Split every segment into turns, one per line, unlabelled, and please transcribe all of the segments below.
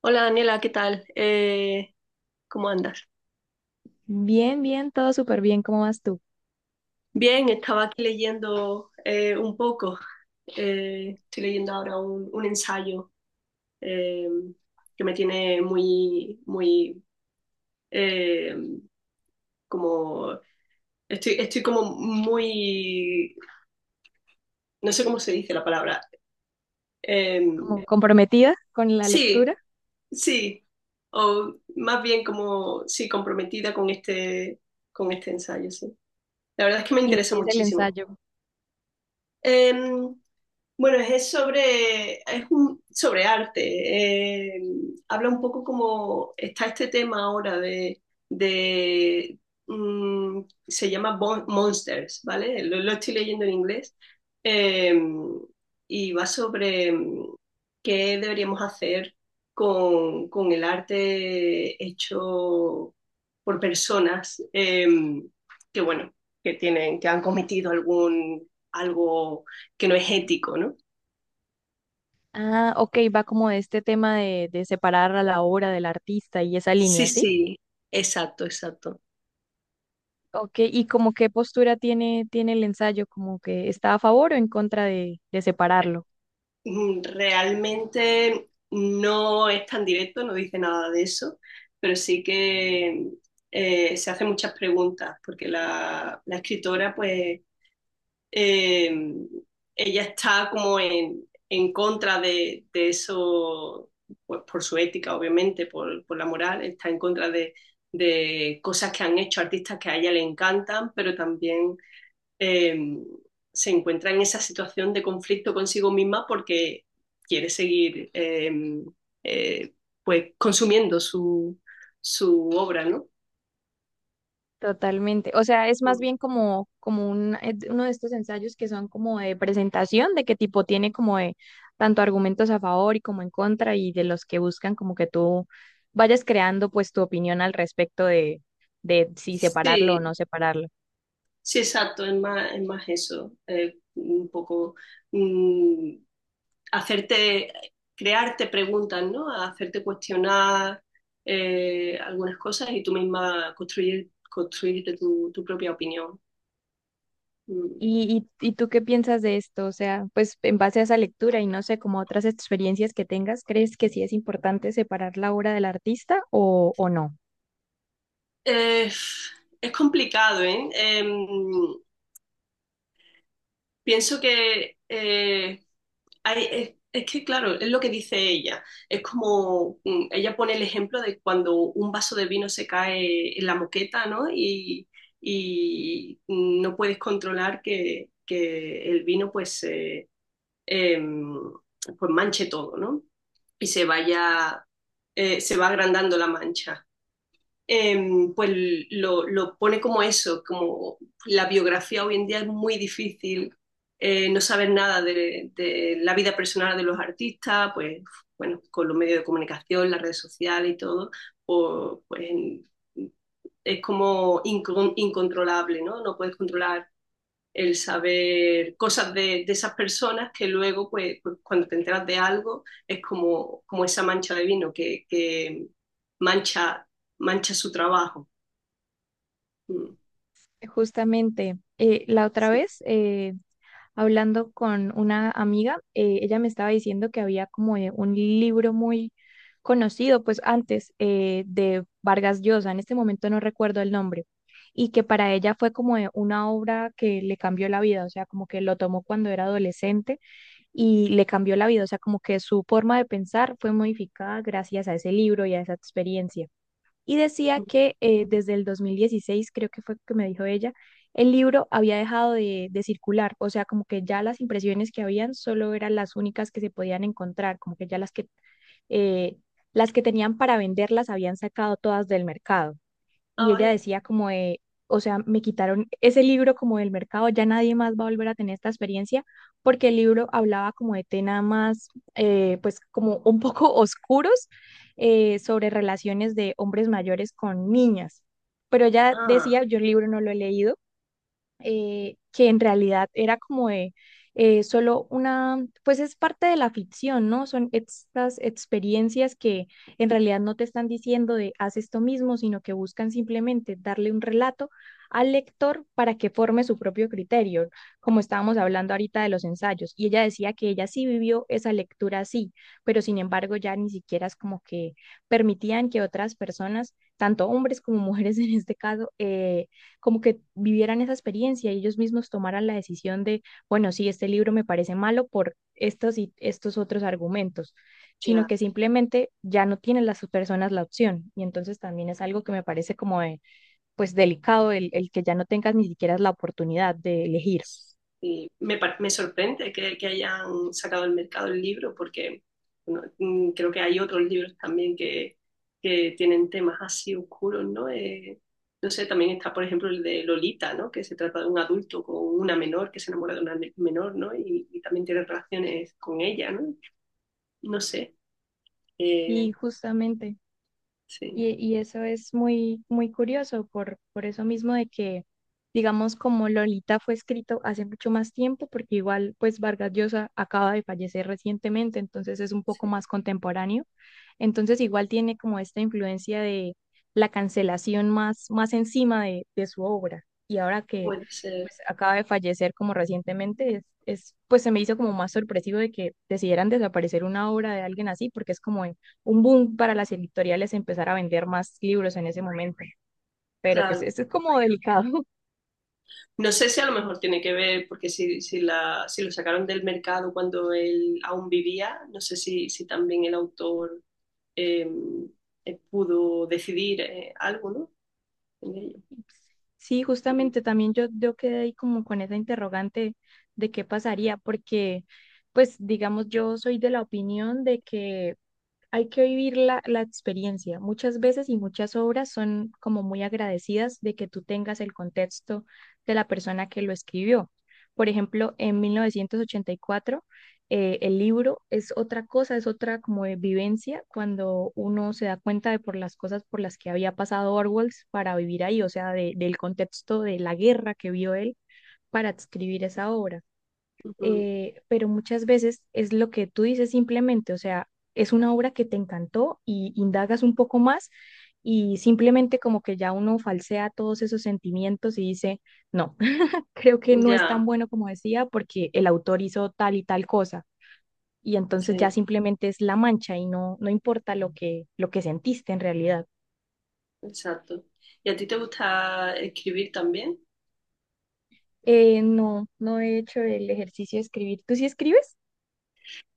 Hola Daniela, ¿qué tal? ¿Cómo andas?
Bien, bien, todo súper bien. ¿Cómo vas tú?
Bien, estaba aquí leyendo un poco. Estoy leyendo ahora un ensayo eh, que me tiene muy, muy, eh, como, estoy como muy, no sé cómo se dice la palabra. Eh,
¿Como comprometida con la
sí,
lectura?
sí, o más bien como, sí, comprometida con este ensayo, sí. La verdad es que me
¿Y de
interesa
qué es el
muchísimo.
ensayo?
Em, Bueno, es sobre, es un, sobre arte. eh, habla un poco como está este tema ahora de, mm, se llama Monsters, ¿vale? Lo estoy leyendo en inglés. eh, y va sobre qué deberíamos hacer con el arte hecho por personas bueno, que han cometido algo que no es ético, ¿no?
Ah, ok, va como de este tema de, separar a la obra del artista y esa
Sí,
línea, ¿sí?
sí, exacto, exacto.
Ok, ¿y como qué postura tiene el ensayo? ¿Como que está a favor o en contra de separarlo?
Realmente no es tan directo, no dice nada de eso, pero sí que se hace muchas preguntas, porque la escritora, pues, eh, ella está como en contra de eso, pues por su ética, obviamente, por la moral, está en contra de cosas que han hecho artistas que a ella le encantan, pero también eh, se encuentra en esa situación de conflicto consigo misma porque quiere seguir eh, pues consumiendo su obra, ¿no?
Totalmente. O sea, es más bien como uno de estos ensayos que son como de presentación, de qué tipo tiene como de tanto argumentos a favor y como en contra, y de los que buscan como que tú vayas creando pues tu opinión al respecto de si separarlo o no
Sí,
separarlo.
sí, exacto, es más eso, un poco mm, hacerte, crearte preguntas, ¿no? Hacerte cuestionar algunas cosas y tú misma construirte tu propia opinión. Mm.
¿Y tú qué piensas de esto? O sea, pues en base a esa lectura y no sé, como otras experiencias que tengas, ¿crees que sí es importante separar la obra del artista o no?
Eh, es complicado, ¿eh? Pienso que es que, claro, es lo que dice ella. Es como, ella pone el ejemplo de cuando un vaso de vino se cae en la moqueta, ¿no? Y no puedes controlar que el vino, pues, em, pues manche todo, ¿no? Y se vaya, se va agrandando la mancha, eh, pues pone como eso, como la biografía hoy en día es muy difícil, no saber nada la vida personal de los artistas, pues bueno, con los medios de comunicación, las redes sociales y todo, pues es como incontrolable, ¿no? No puedes controlar el saber cosas de esas personas que luego, pues, cuando te enteras de algo, es como, como esa mancha de vino que mancha, mancha su trabajo. Mm,
Justamente, la otra
sí.
vez, hablando con una amiga, ella me estaba diciendo que había como un libro muy conocido, pues antes de Vargas Llosa, en este momento no recuerdo el nombre, y que para ella fue como una obra que le cambió la vida, o sea, como que lo tomó cuando era adolescente y le cambió la vida, o sea, como que su forma de pensar fue modificada gracias a ese libro y a esa experiencia y decía que desde el 2016 creo que fue que me dijo ella, el libro había dejado de circular, o sea, como que ya las impresiones que habían solo eran las únicas que se podían encontrar, como que ya eh, las que tenían para venderlas habían sacado todas del mercado y ella
Ay,
decía como de, o sea, me quitaron ese libro como del mercado, ya nadie más va a volver a tener esta experiencia, porque el libro hablaba como de temas más, pues como un poco oscuros sobre relaciones de hombres mayores con niñas. Pero ella
ah,
decía, yo el libro no lo he leído, que en realidad era como de, solo una, pues es parte de la ficción, ¿no? Son estas experiencias que en realidad no te están diciendo de haz esto mismo, sino que buscan simplemente darle un relato al lector para que forme su propio criterio, como estábamos hablando ahorita de los ensayos. Y ella decía que ella sí vivió esa lectura así, pero sin embargo ya ni siquiera es como que permitían que otras personas, tanto hombres como mujeres en este caso, como que vivieran esa experiencia y ellos mismos tomaran la decisión de, bueno, sí, este libro me parece malo por estos y estos otros argumentos, sino
ya.
que simplemente ya no tienen las personas la opción. Y entonces también es algo que me parece como de, pues delicado el que ya no tengas ni siquiera la oportunidad de elegir.
Y me sorprende que hayan sacado al mercado el libro porque bueno, creo que hay otros libros también que tienen temas así oscuros, ¿no? No sé, también está, por ejemplo, el de Lolita, ¿no? Que se trata de un adulto con una menor que se enamora de una menor, ¿no? Y también tiene relaciones con ella, ¿no? No sé, eh,
Y justamente.
sí,
Y eso es muy, muy curioso por, eso mismo de que, digamos, como Lolita fue escrito hace mucho más tiempo, porque igual, pues Vargas Llosa acaba de fallecer recientemente, entonces es un poco
sí,
más contemporáneo. Entonces igual tiene como esta influencia de la cancelación más encima de su obra. Y ahora que
puede ser.
pues acaba de fallecer como recientemente, pues se me hizo como más sorpresivo de que decidieran desaparecer una obra de alguien así, porque es como un boom para las editoriales empezar a vender más libros en ese momento. Pero pues
Claro.
esto es como delicado.
No sé si a lo mejor tiene que ver, porque si lo sacaron del mercado cuando él aún vivía, no sé si también el autor eh, pudo decidir algo, ¿no? En ello.
Sí, justamente también yo quedé ahí como con esa interrogante de qué pasaría, porque pues digamos yo soy de la opinión de que hay que vivir la experiencia. Muchas veces y muchas obras son como muy agradecidas de que tú tengas el contexto de la persona que lo escribió. Por ejemplo, en 1984, el libro es otra cosa, es otra como de vivencia cuando uno se da cuenta de por las cosas por las que había pasado Orwell para vivir ahí, o sea, del contexto de la guerra que vio él para escribir esa obra
Ujú.
pero muchas veces es lo que tú dices simplemente, o sea, es una obra que te encantó y indagas un poco más y simplemente como que ya uno falsea todos esos sentimientos y dice, no, creo que no es tan
Ya,
bueno como decía porque el autor hizo tal y tal cosa. Y entonces ya
sí,
simplemente es la mancha y no importa lo que, sentiste en realidad.
exacto. ¿Y a ti te gusta escribir también?
No, no he hecho el ejercicio de escribir. ¿Tú sí escribes?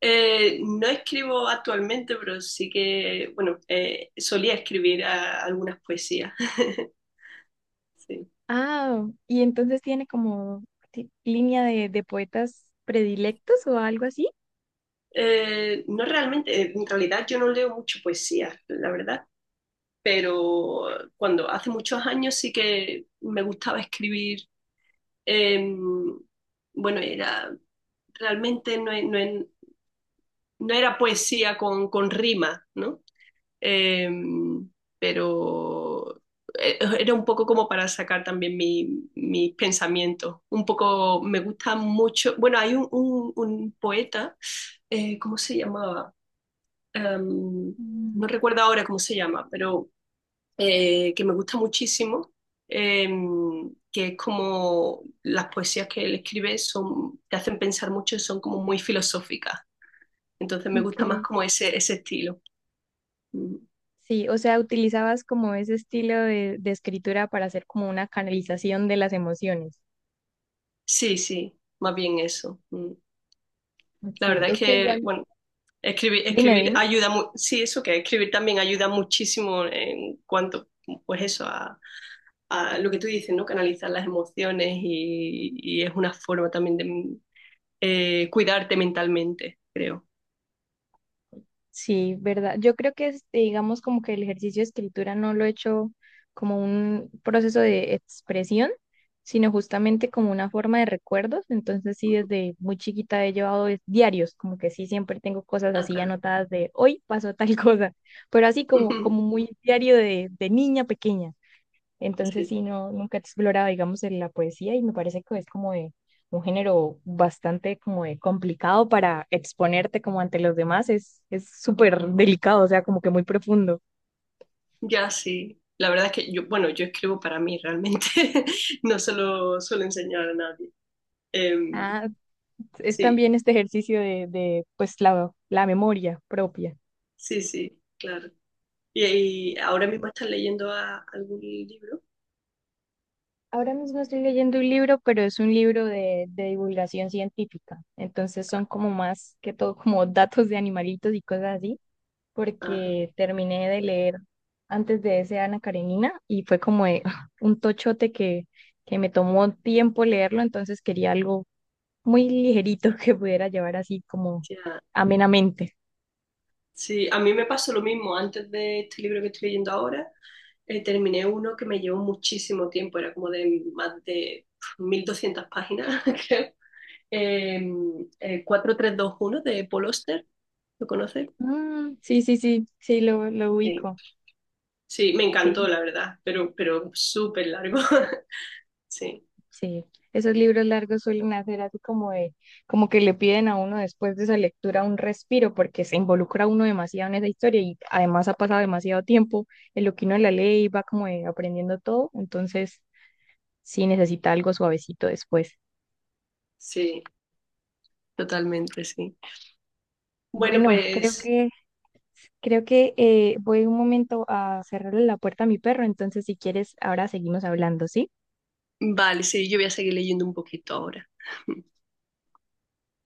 No escribo actualmente, pero sí que, bueno, solía escribir algunas poesías. Sí.
Ah, y entonces tiene como línea de, poetas predilectos o algo así.
No realmente, en realidad yo no leo mucho poesía, la verdad, pero cuando hace muchos años sí que me gustaba escribir. eh, bueno, era realmente no, e- no e- no era poesía con rima, ¿no? Eh, pero era un poco como para sacar también mis pensamientos. Un poco me gusta mucho. Bueno, hay un poeta, ¿cómo se llamaba? em, no
Mm.
recuerdo ahora cómo se llama, pero que me gusta muchísimo, que es como las poesías que él escribe son, te hacen pensar mucho y son como muy filosóficas. Entonces me gusta más
Ok.
como ese estilo. Mm.
Sí, o sea, utilizabas como ese estilo de escritura para hacer como una canalización de las emociones.
Sí, sí, más bien eso. Mm. La
Sí,
verdad es
es que
que,
igual,
bueno, escribir,
dime,
escribir
dime.
ayuda, sí, eso que escribir también ayuda muchísimo en cuanto, pues eso, a lo que tú dices, ¿no? Canalizar las emociones y es una forma también de cuidarte mentalmente, creo.
Sí, verdad. Yo creo que, este, digamos, como que el ejercicio de escritura no lo he hecho como un proceso de expresión, sino justamente como una forma de recuerdos. Entonces, sí,
Ujú.
desde muy chiquita he llevado diarios, como que sí, siempre tengo cosas
Ah,
así
claro.
anotadas de hoy pasó tal cosa, pero así como, muy diario de niña pequeña. Entonces,
Sí,
sí, no, nunca he explorado, digamos, en la poesía y me parece que es como de un género bastante como de complicado para exponerte como ante los demás. Es súper delicado, o sea, como que muy profundo.
ya sí. La verdad es que yo, bueno, yo escribo para mí realmente, no se lo suelo enseñar a nadie. Em,
Ah, es
sí,
también este ejercicio de, pues, la memoria propia.
sí, sí, claro. ¿Y ahora mismo estás leyendo algún libro?
Ahora mismo estoy leyendo un libro, pero es un libro de divulgación científica. Entonces son como más que todo como datos de animalitos y cosas así.
Ajá.
Porque terminé de leer antes de ese Ana Karenina y fue como de, ah, un tochote que me tomó tiempo leerlo, entonces quería algo muy ligerito que pudiera llevar así como
Ya.
amenamente.
Sí, a mí me pasó lo mismo. Antes de este libro que estoy leyendo ahora, terminé uno que me llevó muchísimo tiempo. Era como de más de 1.200 páginas, creo. Eh, 4 3 2 1 de Paul Auster. ¿Lo conoces?
Mm, sí, sí, sí, sí, lo
Sí.
ubico,
Sí, me
sí.
encantó, la verdad, pero, súper largo. Sí,
Sí, esos libros largos suelen hacer así como de, como que le piden a uno después de esa lectura un respiro, porque se involucra uno demasiado en esa historia y además ha pasado demasiado tiempo en lo que uno la lee y va como de aprendiendo todo, entonces sí necesita algo suavecito después.
sí, totalmente, sí. Bueno,
Bueno, creo
pues
que, creo que voy un momento a cerrarle la puerta a mi perro, entonces si quieres ahora seguimos hablando, ¿sí?
vale, sí, yo voy a seguir leyendo un poquito ahora.